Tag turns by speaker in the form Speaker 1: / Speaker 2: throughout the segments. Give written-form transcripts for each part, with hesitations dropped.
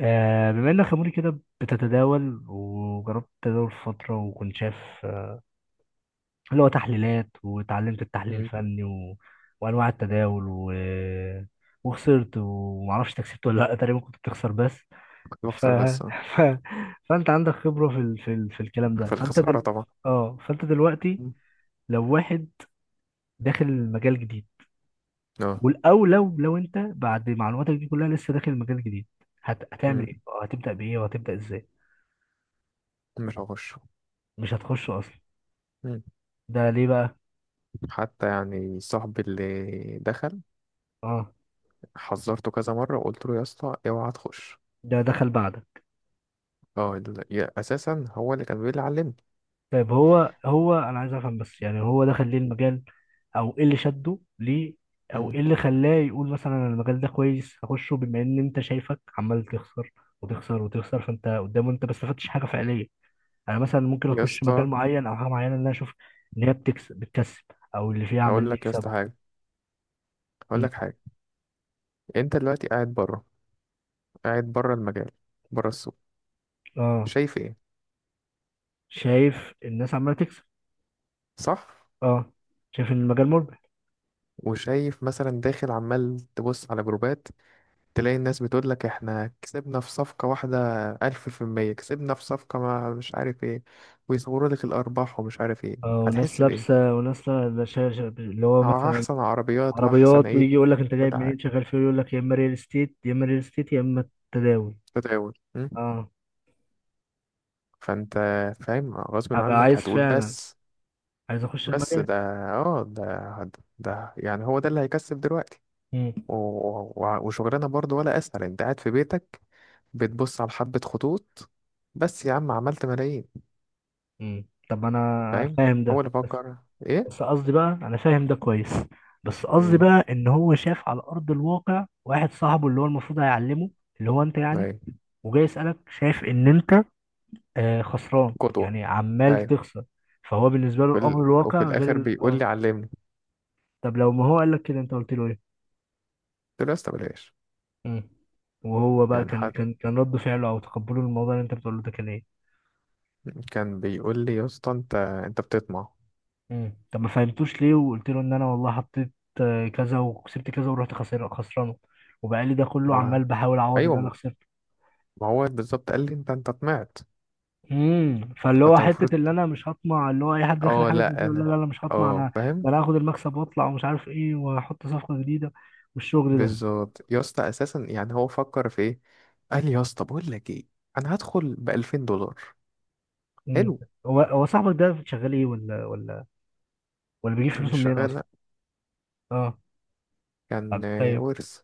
Speaker 1: بما انك يا موري كده بتتداول وجربت التداول فترة وكنت شايف آه، اللي هو تحليلات واتعلمت التحليل
Speaker 2: مم.
Speaker 1: الفني وانواع التداول وخسرت ومعرفش انت كسبت ولا لا، تقريبا كنت بتخسر بس.
Speaker 2: كنت
Speaker 1: ف...
Speaker 2: بخسر بس اه.
Speaker 1: ف... فانت عندك خبرة في الكلام ده،
Speaker 2: في
Speaker 1: فانت دل...
Speaker 2: الخسارة طبعا.
Speaker 1: اه فانت دلوقتي
Speaker 2: مم.
Speaker 1: لو واحد داخل مجال جديد،
Speaker 2: اه.
Speaker 1: او لو انت بعد معلوماتك دي كلها لسه داخل مجال جديد، هتعمل
Speaker 2: مم.
Speaker 1: ايه؟ هتبدأ بايه وهتبدأ ازاي؟
Speaker 2: مش هخش.
Speaker 1: مش هتخش اصلا؟
Speaker 2: مم.
Speaker 1: ده ليه بقى؟
Speaker 2: حتى يعني صاحبي اللي دخل،
Speaker 1: اه،
Speaker 2: حذرته كذا مرة وقلت له يا اسطى اوعى تخش.
Speaker 1: ده دخل بعدك.
Speaker 2: اه، اساسا هو اللي كان بيقول لي علمني.
Speaker 1: طيب، هو انا عايز افهم بس، يعني هو دخل ليه المجال، او ايه اللي شده ليه، او
Speaker 2: مم.
Speaker 1: ايه اللي خلاه يقول مثلا أنا المجال ده كويس هخشه، بما ان انت شايفك عمال تخسر وتخسر وتخسر، فانت قدامه انت ما استفدتش حاجه فعليه. انا مثلا ممكن
Speaker 2: يا
Speaker 1: اخش مجال
Speaker 2: اسطى،
Speaker 1: معين او حاجه معينه ان انا اشوف ان هي بتكسب بتكسب، او اللي فيها
Speaker 2: اقول
Speaker 1: عمالين
Speaker 2: لك يا اسطى
Speaker 1: يكسبوا.
Speaker 2: حاجة، اقول
Speaker 1: م.
Speaker 2: لك حاجة. انت دلوقتي قاعد بره، قاعد بره المجال، بره السوق.
Speaker 1: اه،
Speaker 2: شايف ايه؟
Speaker 1: شايف الناس عماله تكسب،
Speaker 2: صح.
Speaker 1: اه، شايف ان المجال مربح،
Speaker 2: وشايف مثلا داخل عمال تبص على جروبات، تلاقي الناس بتقول لك احنا كسبنا في صفقة واحدة 1000%، كسبنا في صفقة ما مش عارف ايه، ويصوروا لك الأرباح ومش عارف ايه.
Speaker 1: اه، وناس
Speaker 2: هتحس بإيه؟
Speaker 1: لابسه وناس لا- لا شا- شا- اللي هو مثلا
Speaker 2: أحسن عربيات وأحسن
Speaker 1: عربيات،
Speaker 2: ايه،
Speaker 1: ويجي يقول لك انت
Speaker 2: كل
Speaker 1: جايب
Speaker 2: حاجة.
Speaker 1: منين شغال فيه، يقول لك يا اما ريل استيت يا اما ريل استيت يا اما التداول.
Speaker 2: تداول م؟
Speaker 1: اه،
Speaker 2: فأنت فاهم غصب
Speaker 1: ابقى
Speaker 2: عنك
Speaker 1: عايز
Speaker 2: هتقول
Speaker 1: فعلا،
Speaker 2: بس.
Speaker 1: عايز اخش
Speaker 2: بس
Speaker 1: المجال.
Speaker 2: ده، اه ده، ده يعني هو ده اللي هيكسب دلوقتي.
Speaker 1: امم.
Speaker 2: و- وشغلانة برضو، ولا أسهل أنت قاعد في بيتك بتبص على حبة خطوط، بس يا عم عملت ملايين.
Speaker 1: امم، طب انا
Speaker 2: فاهم.
Speaker 1: فاهم
Speaker 2: هو
Speaker 1: ده،
Speaker 2: اللي
Speaker 1: بس
Speaker 2: فكر. ايه؟
Speaker 1: بس قصدي بقى انا فاهم ده كويس بس قصدي
Speaker 2: مم.
Speaker 1: بقى ان هو شاف على ارض الواقع واحد صاحبه اللي هو المفروض هيعلمه، اللي هو انت يعني،
Speaker 2: ايوه.
Speaker 1: وجاي يسالك شايف ان انت خسران،
Speaker 2: قدوة.
Speaker 1: يعني عمال
Speaker 2: ايوه.
Speaker 1: تخسر. فهو بالنسبه له الامر
Speaker 2: وفي
Speaker 1: الواقع غير
Speaker 2: الاخر
Speaker 1: ال...
Speaker 2: بيقول
Speaker 1: اه
Speaker 2: لي علمني.
Speaker 1: طب لو ما هو قال لك كده، انت قلت له ايه؟
Speaker 2: قلت له يا اسطى بلاش.
Speaker 1: مم. وهو بقى
Speaker 2: يعني
Speaker 1: كان
Speaker 2: حد
Speaker 1: كان كان رد فعله او تقبله للموضوع اللي انت بتقوله ده كان ايه؟
Speaker 2: كان بيقول لي يا اسطى انت بتطمع.
Speaker 1: مم. طب ما فهمتوش ليه؟ وقلت له ان انا والله حطيت كذا وكسبت كذا ورحت خسر خسرانه، وبقى لي ده كله عمال
Speaker 2: ما...
Speaker 1: بحاول اعوض اللي انا
Speaker 2: ايوه.
Speaker 1: خسرته.
Speaker 2: ما هو بالظبط قال لي انت طمعت. طب
Speaker 1: مم. فاللي
Speaker 2: انت
Speaker 1: هو
Speaker 2: كنت
Speaker 1: حته
Speaker 2: المفروض،
Speaker 1: اللي انا مش هطمع، اللي هو اي حد داخل
Speaker 2: اه
Speaker 1: حاجه زي كده
Speaker 2: لا
Speaker 1: يقول لا
Speaker 2: انا،
Speaker 1: لا لا، مش هطمع
Speaker 2: اه
Speaker 1: انا،
Speaker 2: فاهم.
Speaker 1: ده انا هاخد المكسب واطلع ومش عارف ايه، واحط صفقه جديده والشغل ده.
Speaker 2: بالظبط يا اسطى، اساسا يعني هو فكر في ايه. قال لي يا اسطى بقول لك ايه، انا هدخل ب $2000.
Speaker 1: مم.
Speaker 2: حلو.
Speaker 1: هو صاحبك ده شغال ايه، ولا بيجيب
Speaker 2: انا
Speaker 1: فلوسه
Speaker 2: مش
Speaker 1: منين
Speaker 2: شغال،
Speaker 1: اصلا؟
Speaker 2: لا.
Speaker 1: اه.
Speaker 2: كان
Speaker 1: طب،
Speaker 2: ورث.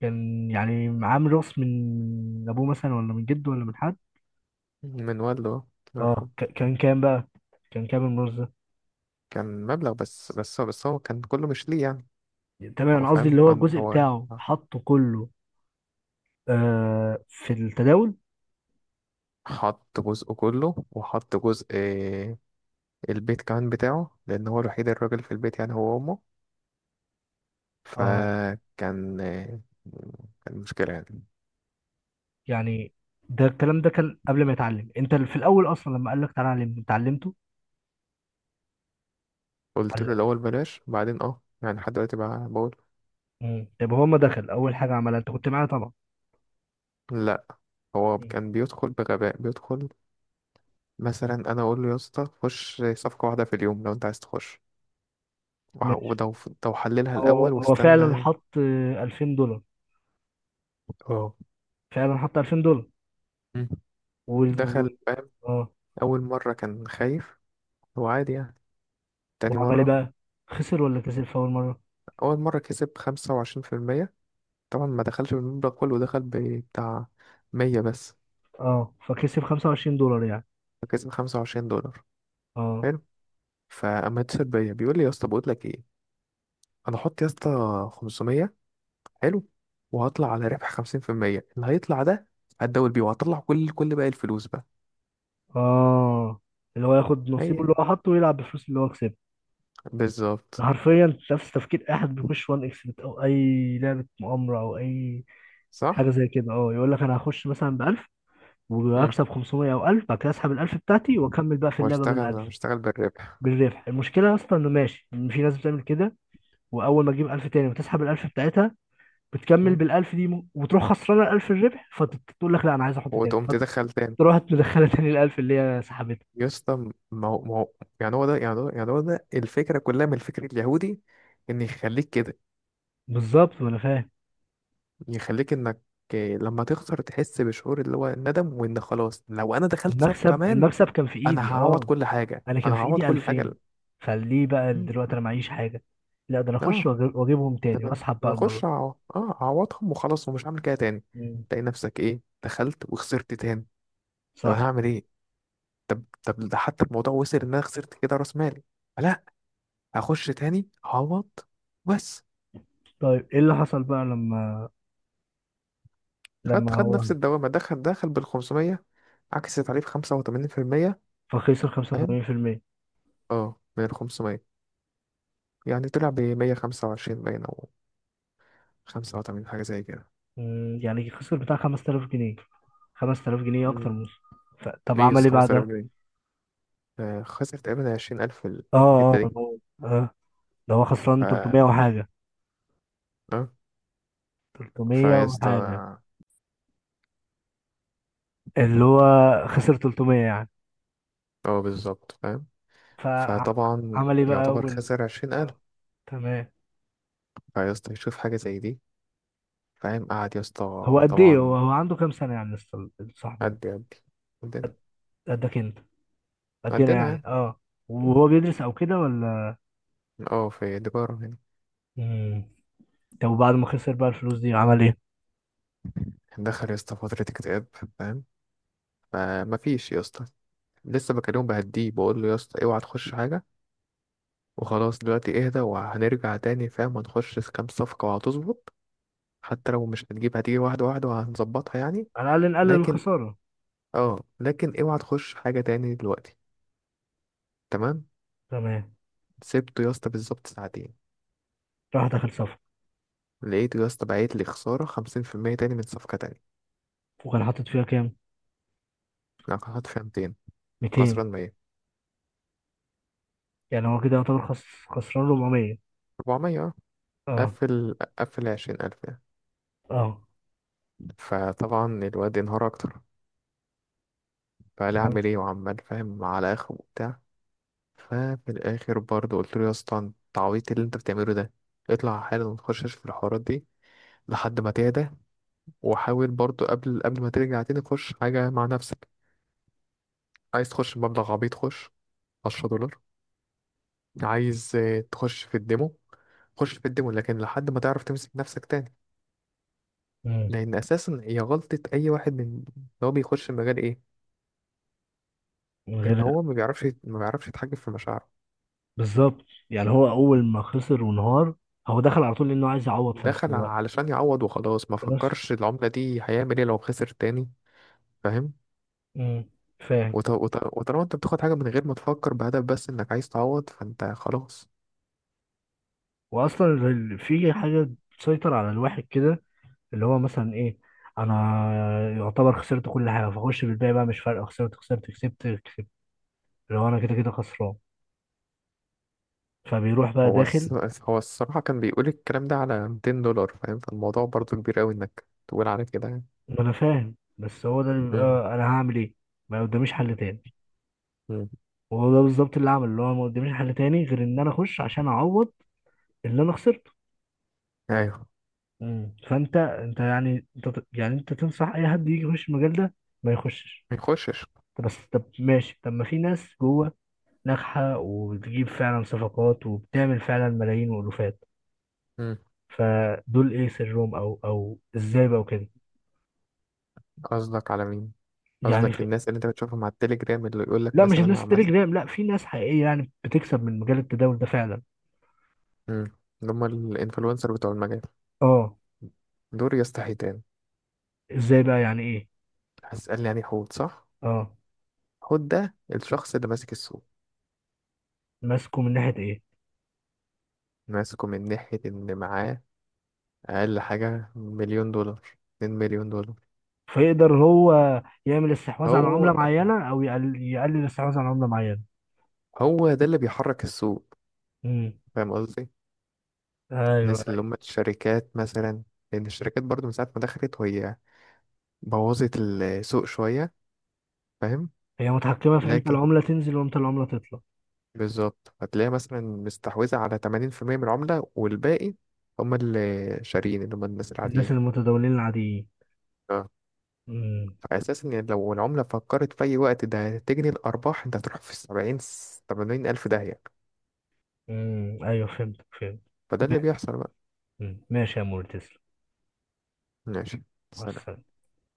Speaker 1: كان يعني معاه ميراث من ابوه مثلا، ولا من جده، ولا من حد؟
Speaker 2: من والده الله
Speaker 1: اه،
Speaker 2: يرحمه.
Speaker 1: كان كام بقى؟ كان كام الميراث ده؟
Speaker 2: كان مبلغ بس هو كان كله مش ليه يعني.
Speaker 1: تمام،
Speaker 2: هو
Speaker 1: انا قصدي
Speaker 2: فاهم
Speaker 1: اللي هو
Speaker 2: كان
Speaker 1: الجزء
Speaker 2: هو
Speaker 1: بتاعه حطه كله في التداول.
Speaker 2: حط جزء كله، وحط جزء البيت كمان بتاعه، لأن هو الوحيد الراجل في البيت يعني هو وأمه.
Speaker 1: اه
Speaker 2: فكان كان مشكلة يعني.
Speaker 1: يعني، ده الكلام ده كان قبل ما يتعلم انت في الاول اصلا لما قال لك تعالى علم؟ انت علمته؟
Speaker 2: قلت له
Speaker 1: علق.
Speaker 2: الأول بلاش، بعدين يعني لحد دلوقتي بقى بقول.
Speaker 1: مم. طب هو ما دخل اول حاجه عملها انت كنت معايا طبعا؟
Speaker 2: لا، هو
Speaker 1: مم.
Speaker 2: كان بيدخل بغباء، بيدخل مثلا. أنا أقول له يا اسطى خش صفقة واحدة في اليوم لو أنت عايز تخش،
Speaker 1: ماشي.
Speaker 2: ولو لو حللها
Speaker 1: هو
Speaker 2: الأول
Speaker 1: هو فعلا
Speaker 2: واستنى.
Speaker 1: حط $2000؟
Speaker 2: اه.
Speaker 1: فعلا حط $2000
Speaker 2: مم.
Speaker 1: و... و...
Speaker 2: دخل فاهم.
Speaker 1: اه.
Speaker 2: أول مرة كان خايف، هو عادي يعني، تاني
Speaker 1: وعمل ايه
Speaker 2: مرة.
Speaker 1: بقى، خسر ولا كسب في اول مره؟
Speaker 2: أول مرة كسب 25%. طبعا ما دخلش بالمبلغ كله، دخل بتاع 100 بس.
Speaker 1: اه، فكسب $25 يعني.
Speaker 2: فكسب $25.
Speaker 1: اه
Speaker 2: حلو. فأما اتصل بيا بيقول لي يا اسطى بقول لك ايه، أنا هحط يا اسطى 500. حلو. وهطلع على ربح 50%، اللي هيطلع ده هتداول بيه، وهطلع كل باقي الفلوس بقى.
Speaker 1: اه اللي هو ياخد نصيبه
Speaker 2: أي.
Speaker 1: اللي هو حطه ويلعب بفلوس اللي هو كسبها. ده
Speaker 2: بالظبط.
Speaker 1: حرفيا نفس تفكير اي حد بيخش وان اكس بت او اي لعبه مؤامره او اي حاجه
Speaker 2: صح؟
Speaker 1: زي كده. اه، يقول لك انا هخش مثلا ب 1000
Speaker 2: مم.
Speaker 1: وهكسب 500 او 1000، بعد كده اسحب ال 1000 بتاعتي واكمل بقى في اللعبه بال
Speaker 2: واشتغل
Speaker 1: 1000.
Speaker 2: واشتغل بالربح.
Speaker 1: بالربح. المشكله اصلا انه ماشي، إن في ناس بتعمل كده، واول ما تجيب 1000 تاني وتسحب ال 1000 بتاعتها، بتكمل
Speaker 2: مم.
Speaker 1: بال 1000 دي، وتروح خسرانه ال 1000 الربح، فتقول لك لا انا عايز احط تاني،
Speaker 2: وتقوم تدخل تاني.
Speaker 1: فتروح مدخله تاني ال 1000 اللي هي سحبتها.
Speaker 2: يا اسطى، ما هو يعني هو ده الفكرة كلها من الفكر اليهودي، ان يخليك كده،
Speaker 1: بالظبط، ما انا فاهم.
Speaker 2: يخليك انك لما تخسر تحس بشعور اللي هو الندم، وان خلاص لو انا دخلت صف
Speaker 1: المكسب
Speaker 2: كمان
Speaker 1: المكسب كان في
Speaker 2: انا
Speaker 1: ايدي،
Speaker 2: هعوض
Speaker 1: اه،
Speaker 2: كل حاجه،
Speaker 1: انا كان
Speaker 2: انا
Speaker 1: في
Speaker 2: هعوض
Speaker 1: ايدي
Speaker 2: كل حاجه.
Speaker 1: 2000، فليه بقى
Speaker 2: مم.
Speaker 1: دلوقتي انا معيش حاجه؟ لا، ده انا اخش
Speaker 2: اه.
Speaker 1: واجيبهم تاني
Speaker 2: انا
Speaker 1: واسحب بقى المره.
Speaker 2: اخش اعوضهم وخلاص ومش هعمل كده تاني.
Speaker 1: مم.
Speaker 2: تلاقي نفسك ايه، دخلت وخسرت تاني. طب
Speaker 1: صح.
Speaker 2: انا هعمل ايه. طب ده حتى الموضوع وصل ان انا خسرت كده راس مالي، لا هخش تاني هعوض بس.
Speaker 1: طيب ايه اللي حصل بقى لما
Speaker 2: خد
Speaker 1: لما
Speaker 2: خد
Speaker 1: هو
Speaker 2: نفس الدوامه، دخل بال 500 عكس تعريف 85%.
Speaker 1: فخسر
Speaker 2: فاهم.
Speaker 1: 85%؟
Speaker 2: اه من ال 500، يعني طلع ب 125 باين، أو 85 حاجة زي كده.
Speaker 1: مم، يعني خسر بتاع 5000 جنيه، 5000 جنيه اكتر
Speaker 2: مم.
Speaker 1: من. طب عمل
Speaker 2: ليس
Speaker 1: ايه
Speaker 2: 5000
Speaker 1: بعدها؟
Speaker 2: جنيه خسر تقريبا 20,000 في
Speaker 1: اه
Speaker 2: الحتة
Speaker 1: اه
Speaker 2: دي.
Speaker 1: هو- اه ده هو
Speaker 2: ف
Speaker 1: خسران 300 وحاجه،
Speaker 2: اه
Speaker 1: 300
Speaker 2: فيسطا.
Speaker 1: وحاجه، اللي هو خسر 300 يعني.
Speaker 2: اه بالظبط فاهم. فطبعا
Speaker 1: فعمل ايه بقى؟
Speaker 2: يعتبر خسر 20,000.
Speaker 1: آه. تمام.
Speaker 2: فيسطا يشوف حاجة زي دي، فاهم، قعد
Speaker 1: هو
Speaker 2: يسطا
Speaker 1: قد ايه، هو
Speaker 2: طبعا.
Speaker 1: هو عنده كام سنة يعني لسه صاحبه ده؟
Speaker 2: قد قدنا.
Speaker 1: قدك انت؟ قدنا
Speaker 2: قدنا
Speaker 1: يعني،
Speaker 2: يعني
Speaker 1: اه. وهو بيدرس او كده ولا؟
Speaker 2: اه، في تجارة يعني.
Speaker 1: مم. طب وبعد ما خسر بقى الفلوس دي عمل ايه؟
Speaker 2: دخل يا اسطى فترة اكتئاب، فاهم. فمفيش يا اسطى، لسه بكلمه بهديه، بقول له يا اسطى اوعى تخش حاجة، وخلاص دلوقتي اهدى وهنرجع تاني فاهم، هنخش في كام صفقة وهتظبط، حتى لو مش هتجيب، هتيجي واحدة واحدة وهنظبطها يعني.
Speaker 1: على الاقل نقلل
Speaker 2: لكن
Speaker 1: الخسارة.
Speaker 2: اه لكن اوعى تخش حاجة تاني دلوقتي. تمام.
Speaker 1: تمام.
Speaker 2: سبته يا اسطى بالظبط ساعتين،
Speaker 1: راح داخل صفقة؟
Speaker 2: لقيته يا اسطى بعت لي خسارة 50% تاني من صفقة تانية.
Speaker 1: وكان حاطط فيها كام؟
Speaker 2: انا كنت حاطط فيها 200،
Speaker 1: 200.
Speaker 2: فخسران 100.
Speaker 1: يعني هو كده يعتبر خسران 400.
Speaker 2: 400 اه.
Speaker 1: اه
Speaker 2: قفل 20,000 يعني.
Speaker 1: اه.
Speaker 2: فطبعا الواد انهار أكتر، فقال
Speaker 1: تمام.
Speaker 2: أعمل ايه، وعمال فاهم على آخره وبتاع. ففي الاخر برضه قلت له يا اسطى انت عبيط، إيه اللي انت بتعمله ده، اطلع حالا ما تخشش في الحوارات دي لحد ما تهدى. وحاول برضه قبل ما ترجع تاني تخش حاجه مع نفسك. عايز تخش بمبلغ عبيط خش $10، عايز تخش في الديمو، خش في الديمو، لكن لحد ما تعرف تمسك نفسك تاني.
Speaker 1: مم.
Speaker 2: لان اساسا هي غلطه اي واحد من إن هو بيخش المجال ايه،
Speaker 1: من
Speaker 2: ان
Speaker 1: غير.
Speaker 2: هو ما بيعرفش يتحكم في مشاعره.
Speaker 1: بالظبط، يعني هو اول ما خسر وانهار، هو دخل على طول لانه عايز يعوض في نفس
Speaker 2: دخل
Speaker 1: الوقت.
Speaker 2: علشان يعوض وخلاص، ما
Speaker 1: في نفس.
Speaker 2: فكرش العمله دي هيعمل ايه لو خسر تاني، فاهم.
Speaker 1: مم. فاهم.
Speaker 2: وطالما انت بتاخد حاجة من غير ما تفكر بهدف بس انك عايز تعوض فانت خلاص.
Speaker 1: واصلا في حاجه تسيطر على الواحد كده، اللي هو مثلا ايه، انا يعتبر خسرت كل حاجه، فاخش بالباقي بقى مش فارقه، خسرت خسرت كسبت كسبت، اللي هو انا كده كده خسران، فبيروح بقى
Speaker 2: هو الس...
Speaker 1: داخل.
Speaker 2: هو الصراحة كان بيقول الكلام ده على $200، فاهم، فالموضوع برضو كبير قوي انك تقول على كده يعني.
Speaker 1: ما انا فاهم، بس هو ده اللي
Speaker 2: مم.
Speaker 1: بيبقى انا هعمل ايه؟ ما قداميش حل تاني.
Speaker 2: مم.
Speaker 1: وهو ده بالظبط اللي عمل، اللي هو ما قداميش حل تاني غير ان انا اخش عشان اعوض اللي انا خسرته.
Speaker 2: ايوه،
Speaker 1: مم. فانت انت يعني انت ت- يعني انت تنصح اي حد يجي يخش المجال ده ما يخشش؟
Speaker 2: ما يخشش.
Speaker 1: طب بس، طب ماشي، طب ما في ناس جوه ناجحة وبتجيب فعلا صفقات وبتعمل فعلا ملايين وألوفات،
Speaker 2: مم.
Speaker 1: فدول ايه سرهم؟ او ازاي بقى وكده؟
Speaker 2: قصدك على مين؟
Speaker 1: يعني
Speaker 2: قصدك
Speaker 1: في...
Speaker 2: الناس اللي انت بتشوفهم على التليجرام اللي يقول لك
Speaker 1: لا مش
Speaker 2: مثلا انا
Speaker 1: الناس تري
Speaker 2: عملت.
Speaker 1: جرام، لا في ناس حقيقية يعني بتكسب من مجال التداول ده فعلا.
Speaker 2: مم. اللي هم الانفلونسر بتوع المجال.
Speaker 1: اه.
Speaker 2: دول يا اسطى حيتان.
Speaker 1: ازاي بقى، يعني ايه؟
Speaker 2: هتسألني يعني حوت، صح.
Speaker 1: اه.
Speaker 2: حوت ده الشخص اللي ماسك السوق.
Speaker 1: ماسكه من ناحية ايه؟
Speaker 2: ماسكه من ناحية إن معاه اقل حاجة $1,000,000، $2,000,000.
Speaker 1: فيقدر هو يعمل استحواذ على عملة
Speaker 2: هو
Speaker 1: معينة، او يقلل الاستحواذ على عملة معينة.
Speaker 2: هو ده اللي بيحرك السوق،
Speaker 1: امم.
Speaker 2: فاهم قصدي.
Speaker 1: ايوه،
Speaker 2: الناس اللي هم الشركات مثلا، لان الشركات برضو من ساعة ما دخلت وهي بوظت السوق شوية، فاهم.
Speaker 1: هي متحكمة في امتى
Speaker 2: لكن
Speaker 1: العملة تنزل وامتى العملة تطلع.
Speaker 2: بالظبط هتلاقي مثلا مستحوذة على 80% من العملة، والباقي هم اللي شاريين اللي هم الناس
Speaker 1: الناس
Speaker 2: العاديين.
Speaker 1: المتداولين العاديين.
Speaker 2: اه.
Speaker 1: امم.
Speaker 2: فأساسا يعني لو العملة فكرت في أي وقت ده تجني الأرباح، أنت هتروح في السبعين تمانين ألف داهية.
Speaker 1: امم، ايوه، فهمت.
Speaker 2: فده اللي بيحصل بقى.
Speaker 1: مم. ماشي يا مور، تسلم.
Speaker 2: ماشي.
Speaker 1: مع
Speaker 2: سلام.
Speaker 1: السلامة.